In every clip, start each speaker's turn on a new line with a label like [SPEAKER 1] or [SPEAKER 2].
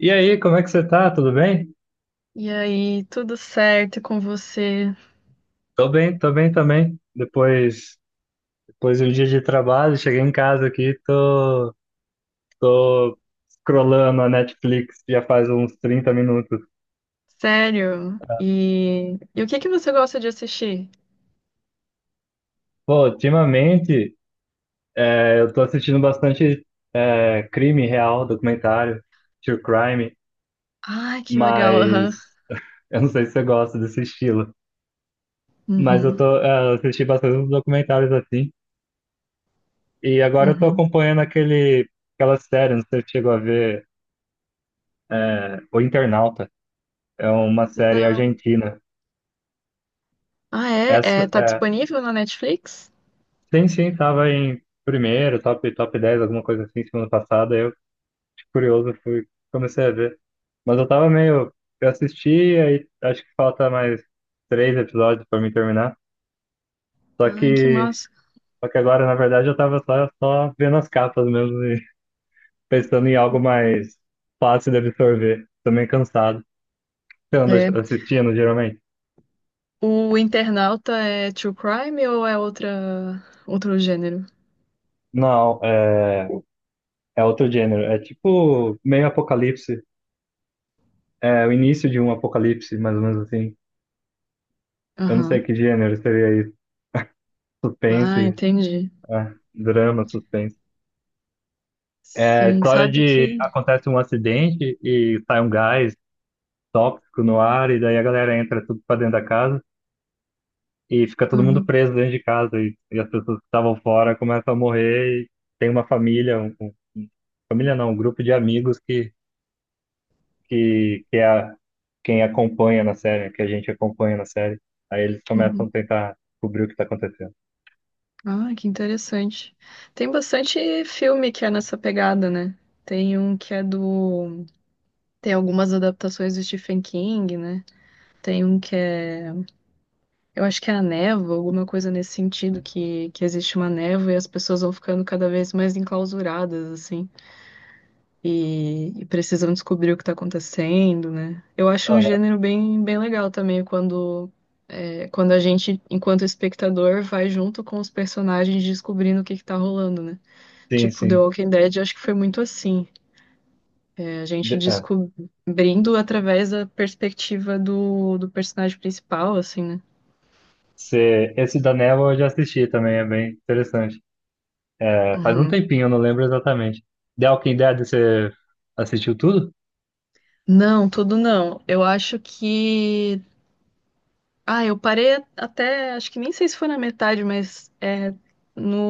[SPEAKER 1] E aí, como é que você tá? Tudo bem?
[SPEAKER 2] E aí, tudo certo com você?
[SPEAKER 1] Tô bem, tô bem também. Depois de um dia de trabalho, cheguei em casa aqui, tô scrollando a Netflix já faz uns 30 minutos.
[SPEAKER 2] Sério? E o que que você gosta de assistir?
[SPEAKER 1] Pô, ultimamente eu tô assistindo bastante crime real, documentário, true crime,
[SPEAKER 2] Ai, que legal, aham.
[SPEAKER 1] mas eu não sei se você gosta desse estilo. Mas eu
[SPEAKER 2] Uhum,
[SPEAKER 1] eu assisti bastante uns documentários assim. E agora eu tô
[SPEAKER 2] uhum.
[SPEAKER 1] acompanhando aquela série, não sei se você chegou a ver, O Internauta. É uma série
[SPEAKER 2] Não.
[SPEAKER 1] argentina.
[SPEAKER 2] Ah, é? É,
[SPEAKER 1] Essa,
[SPEAKER 2] tá
[SPEAKER 1] é,
[SPEAKER 2] disponível na Netflix?
[SPEAKER 1] sim, sim, tava em primeiro, top 10 alguma coisa assim, semana passada. Eu, de curioso, fui, comecei a ver. Mas eu tava meio. Eu assisti, aí acho que falta mais 3 episódios pra mim terminar. Só
[SPEAKER 2] Ai, que
[SPEAKER 1] que,
[SPEAKER 2] massa.
[SPEAKER 1] só que agora, na verdade, eu tava só vendo as capas mesmo e pensando em algo mais fácil de absorver. Tô meio cansado. Você anda
[SPEAKER 2] É.
[SPEAKER 1] assistindo, geralmente?
[SPEAKER 2] O Internauta é true crime ou é outro gênero?
[SPEAKER 1] Não, é, outro gênero. É tipo meio apocalipse. É o início de um apocalipse, mais ou menos assim. Eu não sei
[SPEAKER 2] Aham.
[SPEAKER 1] que gênero seria isso.
[SPEAKER 2] Ah,
[SPEAKER 1] Suspense,
[SPEAKER 2] entendi.
[SPEAKER 1] drama, suspense. É a
[SPEAKER 2] Sim,
[SPEAKER 1] história
[SPEAKER 2] sabe
[SPEAKER 1] de
[SPEAKER 2] que...
[SPEAKER 1] acontece um acidente e sai um gás tóxico no ar, e daí a galera entra tudo pra dentro da casa e fica todo mundo
[SPEAKER 2] Aham.
[SPEAKER 1] preso dentro de casa. E as pessoas que estavam fora começam a morrer. E tem uma família, família não, um grupo de amigos que é quem acompanha na série, que a gente acompanha na série. Aí eles começam
[SPEAKER 2] Uhum.
[SPEAKER 1] a tentar descobrir o que está acontecendo.
[SPEAKER 2] Ah, que interessante. Tem bastante filme que é nessa pegada, né? Tem um que é do. Tem algumas adaptações do Stephen King, né? Tem um que é. Eu acho que é a névoa, alguma coisa nesse sentido, que existe uma névoa e as pessoas vão ficando cada vez mais enclausuradas, assim. E precisam descobrir o que tá acontecendo, né? Eu acho um gênero bem, bem legal também, quando a gente, enquanto espectador, vai junto com os personagens descobrindo o que que tá rolando, né?
[SPEAKER 1] Sim,
[SPEAKER 2] Tipo, The
[SPEAKER 1] sim.
[SPEAKER 2] Walking Dead, acho que foi muito assim. É, a gente
[SPEAKER 1] É.
[SPEAKER 2] descobrindo através da perspectiva do personagem principal, assim, né?
[SPEAKER 1] Esse da Neva eu já assisti também, é bem interessante. É, faz um
[SPEAKER 2] Uhum.
[SPEAKER 1] tempinho, eu não lembro exatamente. The Walking Dead, você assistiu tudo?
[SPEAKER 2] Não, tudo não. Eu acho que. Ah, eu parei até. Acho que nem sei se foi na metade, mas é no,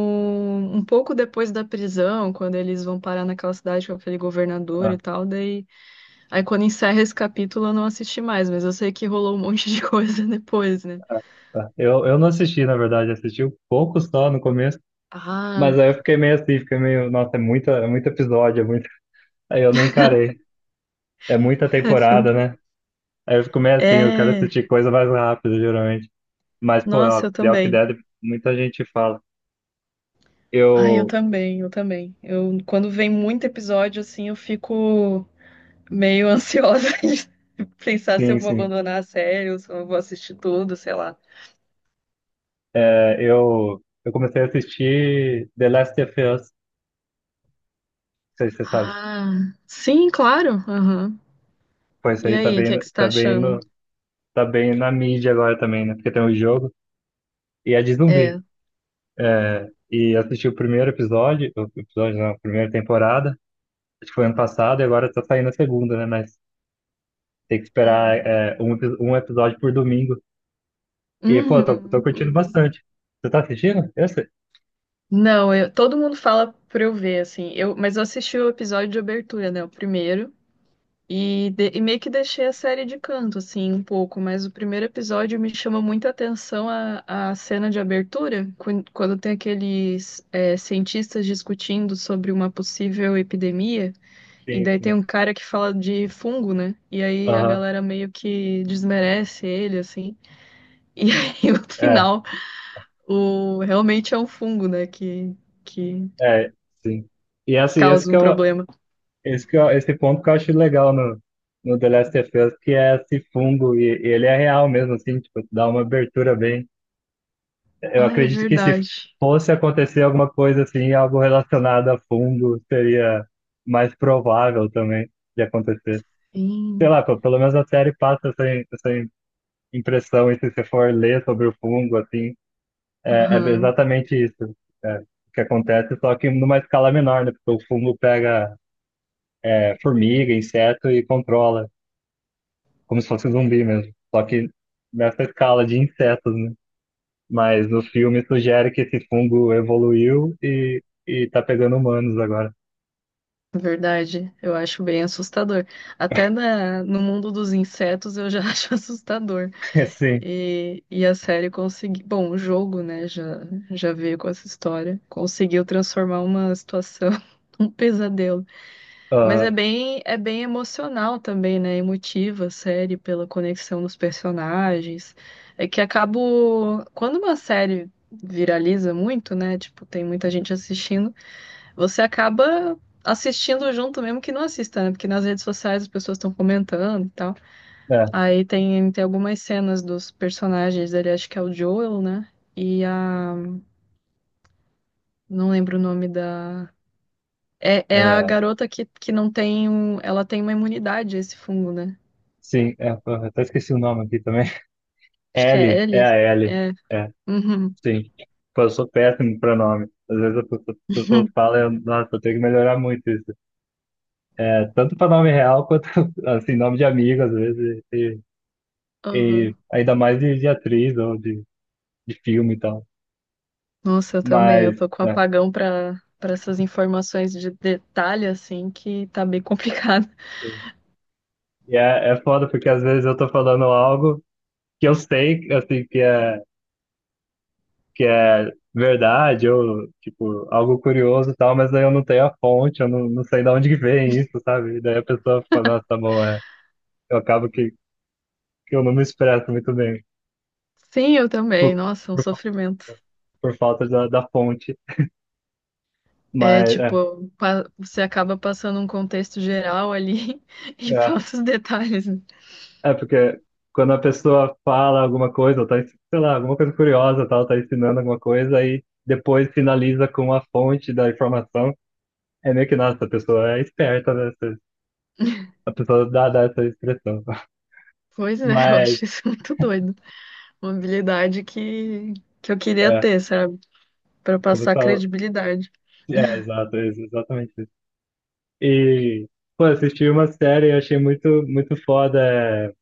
[SPEAKER 2] um pouco depois da prisão, quando eles vão parar naquela cidade com aquele governador e
[SPEAKER 1] Ah,
[SPEAKER 2] tal. Daí. Aí quando encerra esse capítulo eu não assisti mais, mas eu sei que rolou um monte de coisa depois, né?
[SPEAKER 1] tá. Eu não assisti, na verdade, assisti um pouco só no começo, mas aí
[SPEAKER 2] Ah,
[SPEAKER 1] eu fiquei meio assim, fiquei meio, nossa, é muita, é muito episódio, é muito, aí eu não encarei. É muita temporada,
[SPEAKER 2] assim.
[SPEAKER 1] né? Aí eu fico meio assim, eu quero
[SPEAKER 2] É.
[SPEAKER 1] assistir coisa mais rápida, geralmente. Mas, pô, ó,
[SPEAKER 2] Nossa, eu
[SPEAKER 1] The Walking
[SPEAKER 2] também.
[SPEAKER 1] Dead, muita gente fala.
[SPEAKER 2] Ai, eu
[SPEAKER 1] Eu,
[SPEAKER 2] também, eu também. Quando vem muito episódio, assim, eu fico meio ansiosa de pensar se eu
[SPEAKER 1] sim,
[SPEAKER 2] vou
[SPEAKER 1] sim.
[SPEAKER 2] abandonar a série ou se eu vou assistir tudo, sei lá.
[SPEAKER 1] É, eu comecei a assistir The Last of Us, não sei se você sabe.
[SPEAKER 2] Ah, sim, claro. Aham.
[SPEAKER 1] Pô, isso
[SPEAKER 2] E
[SPEAKER 1] aí
[SPEAKER 2] aí, o que é que você tá
[SPEAKER 1] tá bem
[SPEAKER 2] achando?
[SPEAKER 1] no, tá bem na mídia agora também, né? Porque tem um jogo e é de zumbi.
[SPEAKER 2] É.
[SPEAKER 1] E eu assisti o primeiro episódio, o episódio não, a primeira temporada, acho que foi ano passado e agora tá saindo a segunda, né? Mas tem que esperar
[SPEAKER 2] Uhum.
[SPEAKER 1] um episódio por domingo. E, pô, tô
[SPEAKER 2] Uhum,
[SPEAKER 1] curtindo
[SPEAKER 2] uhum.
[SPEAKER 1] bastante. Você tá assistindo esse?
[SPEAKER 2] Não, todo mundo fala pra eu ver, assim. Mas eu assisti o episódio de abertura, né? O primeiro. E meio que deixei a série de canto, assim, um pouco, mas o primeiro episódio me chama muita atenção a cena de abertura, quando tem aqueles cientistas discutindo sobre uma possível epidemia, e
[SPEAKER 1] Sim,
[SPEAKER 2] daí tem
[SPEAKER 1] sim.
[SPEAKER 2] um cara que fala de fungo, né? E aí a
[SPEAKER 1] Aham.
[SPEAKER 2] galera meio que desmerece ele, assim. E aí no
[SPEAKER 1] É,
[SPEAKER 2] final, o realmente é um fungo, né? Que
[SPEAKER 1] é, sim. E
[SPEAKER 2] causa um problema.
[SPEAKER 1] esse, esse ponto que eu acho legal no The Last of Us, que é esse fungo, e ele é real mesmo, assim, tipo, dá uma abertura bem. Eu
[SPEAKER 2] Ai, é
[SPEAKER 1] acredito que se
[SPEAKER 2] verdade.
[SPEAKER 1] fosse acontecer alguma coisa assim, algo relacionado a fungo, seria mais provável também de acontecer. Sei
[SPEAKER 2] Sim.
[SPEAKER 1] lá, pô, pelo menos a série passa essa, impressão, e se você for ler sobre o fungo, assim, é
[SPEAKER 2] Aham.
[SPEAKER 1] exatamente isso. é, que acontece, só que numa escala menor, né? Porque o fungo pega formiga, inseto e controla. Como se fosse zumbi mesmo. Só que nessa escala de insetos, né? Mas no filme sugere que esse fungo evoluiu e tá pegando humanos agora.
[SPEAKER 2] Verdade, eu acho bem assustador. Até no mundo dos insetos eu já acho assustador.
[SPEAKER 1] Sim.
[SPEAKER 2] E a série conseguiu. Bom, o jogo, né, já veio com essa história. Conseguiu transformar uma situação um pesadelo. Mas
[SPEAKER 1] Ah,
[SPEAKER 2] é bem emocional também, né? Emotiva a série pela conexão dos personagens. É que acabo. Quando uma série viraliza muito, né? Tipo, tem muita gente assistindo você acaba assistindo junto, mesmo que não assista, né? Porque nas redes sociais as pessoas estão comentando e tal.
[SPEAKER 1] é.
[SPEAKER 2] Aí tem algumas cenas dos personagens dele, acho que é o Joel, né? E a. Não lembro o nome da. É a
[SPEAKER 1] É,
[SPEAKER 2] garota que não tem um. Ela tem uma imunidade a esse fungo, né?
[SPEAKER 1] sim. É, porra, até esqueci o nome aqui também.
[SPEAKER 2] Acho que é
[SPEAKER 1] L, é
[SPEAKER 2] Ellie.
[SPEAKER 1] a L.
[SPEAKER 2] É.
[SPEAKER 1] É,
[SPEAKER 2] Uhum.
[SPEAKER 1] sim. Pô, eu sou péssimo pra nome. Às vezes as pessoas falam, eu, nossa, eu tenho que melhorar muito isso. É, tanto pra nome real quanto, assim, nome de amigo, às vezes, e
[SPEAKER 2] Uhum.
[SPEAKER 1] ainda mais de atriz ou de filme e tal.
[SPEAKER 2] Nossa, eu também. Eu
[SPEAKER 1] Mas,
[SPEAKER 2] tô com
[SPEAKER 1] é,
[SPEAKER 2] apagão pra essas informações de detalhe, assim, que tá bem complicado.
[SPEAKER 1] sim. E é, é foda porque às vezes eu tô falando algo que eu sei, assim, que é verdade ou, tipo, algo curioso e tal, mas daí eu não tenho a fonte, eu não, não sei de onde que vem isso, sabe? E daí a pessoa fala, nossa, tá bom, é. Eu acabo que eu não me expresso muito bem
[SPEAKER 2] Sim, eu também.
[SPEAKER 1] por,
[SPEAKER 2] Nossa, é um
[SPEAKER 1] por, fa-
[SPEAKER 2] sofrimento.
[SPEAKER 1] por falta da fonte,
[SPEAKER 2] É,
[SPEAKER 1] mas, é,
[SPEAKER 2] tipo, você acaba passando um contexto geral ali e
[SPEAKER 1] é.
[SPEAKER 2] falta os detalhes, né?
[SPEAKER 1] É porque quando a pessoa fala alguma coisa, ou tá, sei lá, alguma coisa curiosa, tal, tá ensinando alguma coisa, aí depois finaliza com a fonte da informação, é meio que, nossa, a pessoa é esperta, né? A pessoa dá essa expressão.
[SPEAKER 2] Pois é, eu
[SPEAKER 1] Mas,
[SPEAKER 2] acho isso muito doido. Uma habilidade que eu queria
[SPEAKER 1] é,
[SPEAKER 2] ter, sabe? Pra passar
[SPEAKER 1] começar.
[SPEAKER 2] credibilidade.
[SPEAKER 1] É, exato, exatamente isso. E, pô, assisti uma série e achei muito, muito foda, é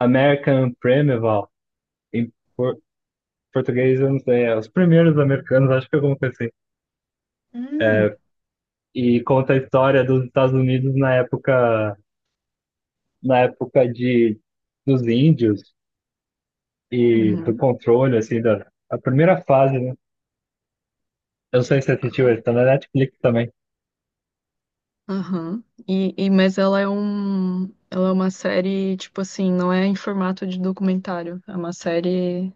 [SPEAKER 1] American Primeval. Em por- português, eu não sei, é Os Primeiros Americanos, acho que é alguma coisa assim.
[SPEAKER 2] Hum.
[SPEAKER 1] É, e conta a história dos Estados Unidos na época, na época de, dos índios e do
[SPEAKER 2] Uhum.
[SPEAKER 1] controle, assim, da a primeira fase, né? Eu não sei se você assistiu ele,
[SPEAKER 2] Aham.
[SPEAKER 1] tá na Netflix também.
[SPEAKER 2] Aham. Mas ela é um, ela é uma série, tipo assim, não é em formato de documentário. É uma série.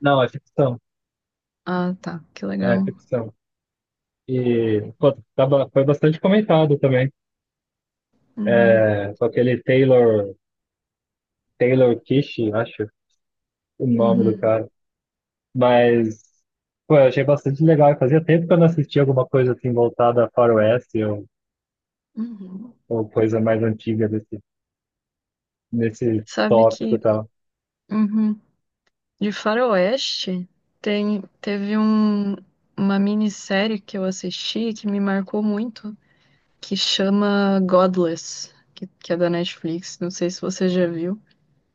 [SPEAKER 1] Não, é ficção,
[SPEAKER 2] Ah, tá, que
[SPEAKER 1] é
[SPEAKER 2] legal.
[SPEAKER 1] ficção. E pô, tava- foi bastante comentado também,
[SPEAKER 2] Uhum.
[SPEAKER 1] é, com aquele Taylor Kish, acho o nome do
[SPEAKER 2] Uhum.
[SPEAKER 1] cara. Mas, pô, eu achei bastante legal. Fazia tempo que eu não assistia alguma coisa assim voltada a faroeste
[SPEAKER 2] Uhum.
[SPEAKER 1] ou coisa mais antiga desse nesse
[SPEAKER 2] Sabe
[SPEAKER 1] tópico e
[SPEAKER 2] que.
[SPEAKER 1] tal.
[SPEAKER 2] Uhum. De Faroeste, teve um, uma minissérie que eu assisti que me marcou muito, que chama Godless, que é da Netflix. Não sei se você já viu.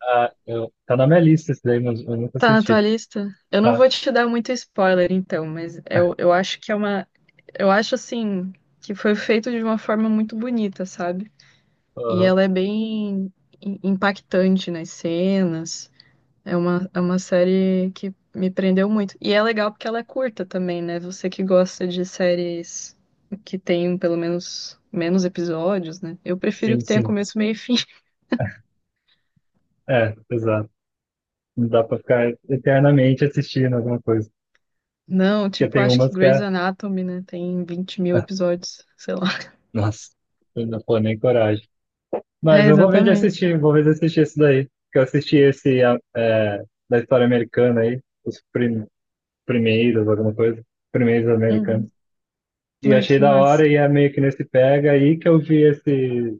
[SPEAKER 1] Ah, eu, tá na minha lista esse daí, mas eu nunca
[SPEAKER 2] Tá na
[SPEAKER 1] assisti.
[SPEAKER 2] tua lista? Eu não
[SPEAKER 1] Tá.
[SPEAKER 2] vou te dar muito spoiler, então, mas eu acho que é uma. Eu acho assim que foi feito de uma forma muito bonita, sabe? E
[SPEAKER 1] Aham.
[SPEAKER 2] ela é bem impactante nas cenas. É uma série que me prendeu muito. E é legal porque ela é curta também, né? Você que gosta de séries que tem pelo menos menos episódios, né? Eu prefiro
[SPEAKER 1] Sim,
[SPEAKER 2] que tenha
[SPEAKER 1] sim.
[SPEAKER 2] começo, meio e fim.
[SPEAKER 1] É, exato. Não dá pra ficar eternamente assistindo alguma coisa.
[SPEAKER 2] Não,
[SPEAKER 1] Porque
[SPEAKER 2] tipo,
[SPEAKER 1] tem
[SPEAKER 2] acho que
[SPEAKER 1] umas que
[SPEAKER 2] Grey's
[SPEAKER 1] é.
[SPEAKER 2] Anatomy, né? Tem 20 mil episódios, sei lá.
[SPEAKER 1] Nossa, eu não pô nem coragem. Mas
[SPEAKER 2] É,
[SPEAKER 1] eu vou ver de
[SPEAKER 2] exatamente.
[SPEAKER 1] assistir, vou ver de assistir esse daí. Que eu assisti esse da história americana aí, os primeiros, alguma coisa. Primeiros americanos.
[SPEAKER 2] Uhum.
[SPEAKER 1] E
[SPEAKER 2] Ai,
[SPEAKER 1] achei
[SPEAKER 2] que
[SPEAKER 1] da
[SPEAKER 2] massa.
[SPEAKER 1] hora e é meio que nesse pega aí que eu vi esse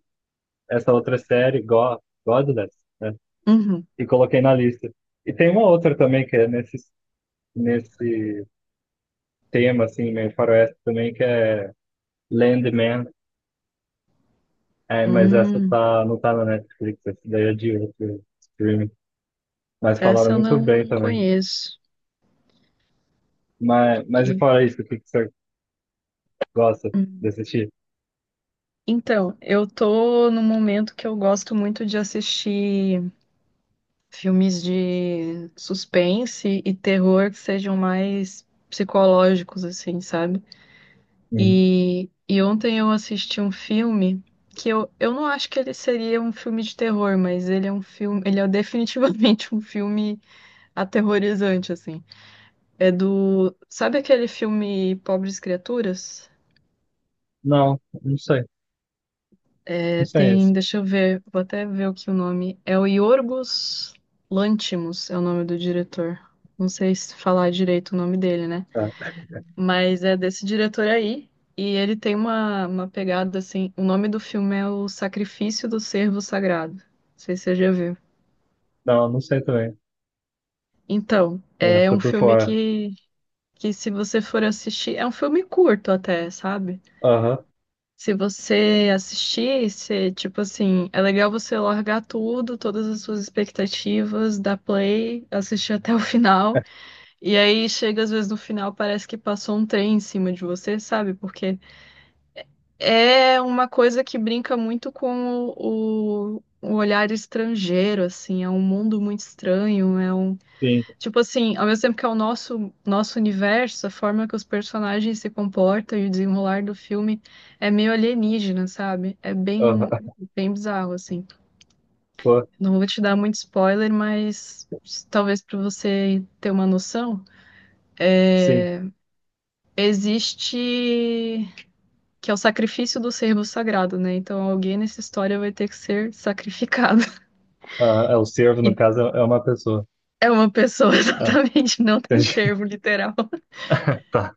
[SPEAKER 1] essa outra série, go Godless, né?
[SPEAKER 2] Uhum.
[SPEAKER 1] E coloquei na lista. E tem uma outra também que é nesse tema, assim, meio faroeste também, que é Landman. É, mas essa
[SPEAKER 2] Hum,
[SPEAKER 1] tá, não tá na Netflix, essa daí é de outro streaming. Mas falaram
[SPEAKER 2] essa eu
[SPEAKER 1] muito bem
[SPEAKER 2] não
[SPEAKER 1] também.
[SPEAKER 2] conheço.
[SPEAKER 1] Mas e
[SPEAKER 2] E,
[SPEAKER 1] fora isso, o que que você gosta de
[SPEAKER 2] hum.
[SPEAKER 1] assistir?
[SPEAKER 2] Então, eu tô num momento que eu gosto muito de assistir. Filmes de suspense e terror que sejam mais psicológicos, assim, sabe?
[SPEAKER 1] Uhum.
[SPEAKER 2] E ontem eu assisti um filme que eu não acho que ele seria um filme de terror, mas ele é definitivamente um filme aterrorizante, assim. Sabe aquele filme Pobres Criaturas?
[SPEAKER 1] Não, não sei. Não
[SPEAKER 2] É,
[SPEAKER 1] sei
[SPEAKER 2] tem,
[SPEAKER 1] esse.
[SPEAKER 2] deixa eu ver, vou até ver aqui o nome. É o Yorgos Lanthimos, é o nome do diretor. Não sei se falar direito o nome dele, né?
[SPEAKER 1] Tá.
[SPEAKER 2] Mas é desse diretor aí. E ele tem uma pegada assim. O nome do filme é O Sacrifício do Servo Sagrado. Não sei se você já viu.
[SPEAKER 1] Não, não sei também.
[SPEAKER 2] Então,
[SPEAKER 1] Não,
[SPEAKER 2] é
[SPEAKER 1] tô
[SPEAKER 2] um
[SPEAKER 1] por
[SPEAKER 2] filme
[SPEAKER 1] fora.
[SPEAKER 2] que se você for assistir. É um filme curto até, sabe?
[SPEAKER 1] Aham,
[SPEAKER 2] Se você assistir, você, tipo assim, é legal você largar tudo, todas as suas expectativas, dar play, assistir até o final. E aí chega às vezes no final, parece que passou um trem em cima de você, sabe? Porque é uma coisa que brinca muito com o, olhar estrangeiro, assim, é um mundo muito estranho, é um,
[SPEAKER 1] sim.
[SPEAKER 2] tipo assim, ao mesmo tempo que é o nosso universo, a forma que os personagens se comportam e o desenrolar do filme é meio alienígena, sabe? É bem
[SPEAKER 1] Aham,
[SPEAKER 2] bem bizarro, assim.
[SPEAKER 1] pô,
[SPEAKER 2] Não vou te dar muito spoiler, mas talvez para você ter uma noção,
[SPEAKER 1] sim.
[SPEAKER 2] existe que é o sacrifício do servo sagrado, né? Então alguém nessa história vai ter que ser sacrificado.
[SPEAKER 1] Ah, é, o servo, no
[SPEAKER 2] E
[SPEAKER 1] caso, é é uma pessoa.
[SPEAKER 2] é uma pessoa,
[SPEAKER 1] Ah,
[SPEAKER 2] exatamente, não tem
[SPEAKER 1] entendi.
[SPEAKER 2] servo, literal.
[SPEAKER 1] Tá.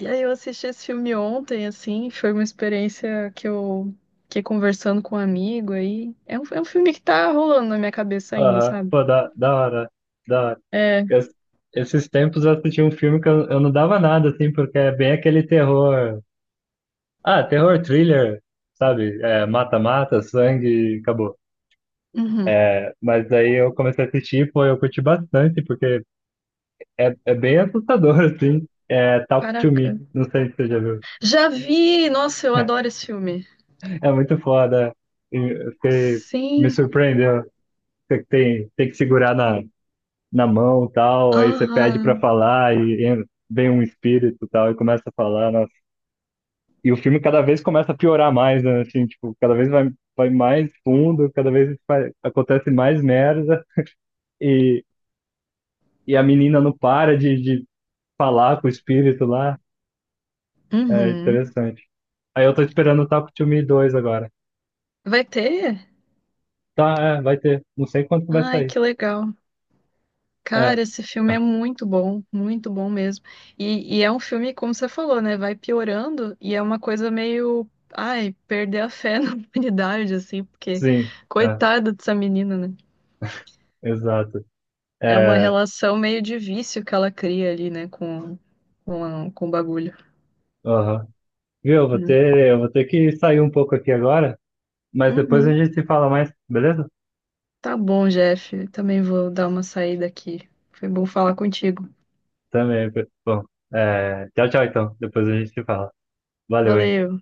[SPEAKER 2] E aí eu assisti esse filme ontem, assim, foi uma experiência que eu fiquei conversando com um amigo aí. É um filme que tá rolando na minha cabeça ainda,
[SPEAKER 1] Ah,
[SPEAKER 2] sabe?
[SPEAKER 1] pô, da hora.
[SPEAKER 2] É.
[SPEAKER 1] Es- esses tempos eu assisti um filme que eu não dava nada, assim, porque é bem aquele terror. Ah, terror thriller, sabe? É, mata-mata, sangue, acabou.
[SPEAKER 2] Uhum.
[SPEAKER 1] Mas aí eu comecei a assistir, pô, eu curti bastante, porque é, é bem assustador, assim. É Talk to Me,
[SPEAKER 2] Caraca.
[SPEAKER 1] não sei se você já viu.
[SPEAKER 2] Já vi! Nossa, eu adoro esse filme.
[SPEAKER 1] É muito foda. E eu me
[SPEAKER 2] Sim.
[SPEAKER 1] surpreendeu. Você tem, tem que segurar na mão e tal, aí você pede
[SPEAKER 2] Aham.
[SPEAKER 1] pra falar vem um espírito e tal e começa a falar, nossa. E o filme cada vez começa a piorar mais, né? Assim, tipo, cada vez vai mais fundo, acontece mais merda e, e a menina não para de falar com o espírito lá. É
[SPEAKER 2] Uhum.
[SPEAKER 1] interessante. Aí eu tô esperando o Taco to Me 2 agora.
[SPEAKER 2] Vai ter?
[SPEAKER 1] Tá, vai ter. Não sei quando que vai
[SPEAKER 2] Ai,
[SPEAKER 1] sair.
[SPEAKER 2] que legal.
[SPEAKER 1] É,
[SPEAKER 2] Cara, esse filme é muito bom mesmo. E é um filme, como você falou, né? Vai piorando e é uma coisa meio, ai, perder a fé na humanidade, assim, porque
[SPEAKER 1] sim, é,
[SPEAKER 2] coitada dessa menina, né?
[SPEAKER 1] exato.
[SPEAKER 2] É uma
[SPEAKER 1] É,
[SPEAKER 2] relação meio de vício que ela cria ali, né, com o bagulho,
[SPEAKER 1] aham. Viu,
[SPEAKER 2] né?
[SPEAKER 1] eu vou ter que sair um pouco aqui agora. Mas depois a
[SPEAKER 2] Uhum.
[SPEAKER 1] gente se fala mais, beleza?
[SPEAKER 2] Tá bom, Jeff. Também vou dar uma saída aqui. Foi bom falar contigo.
[SPEAKER 1] Também. Bom, tchau, tchau, então. Depois a gente se fala. Valeu, hein?
[SPEAKER 2] Valeu.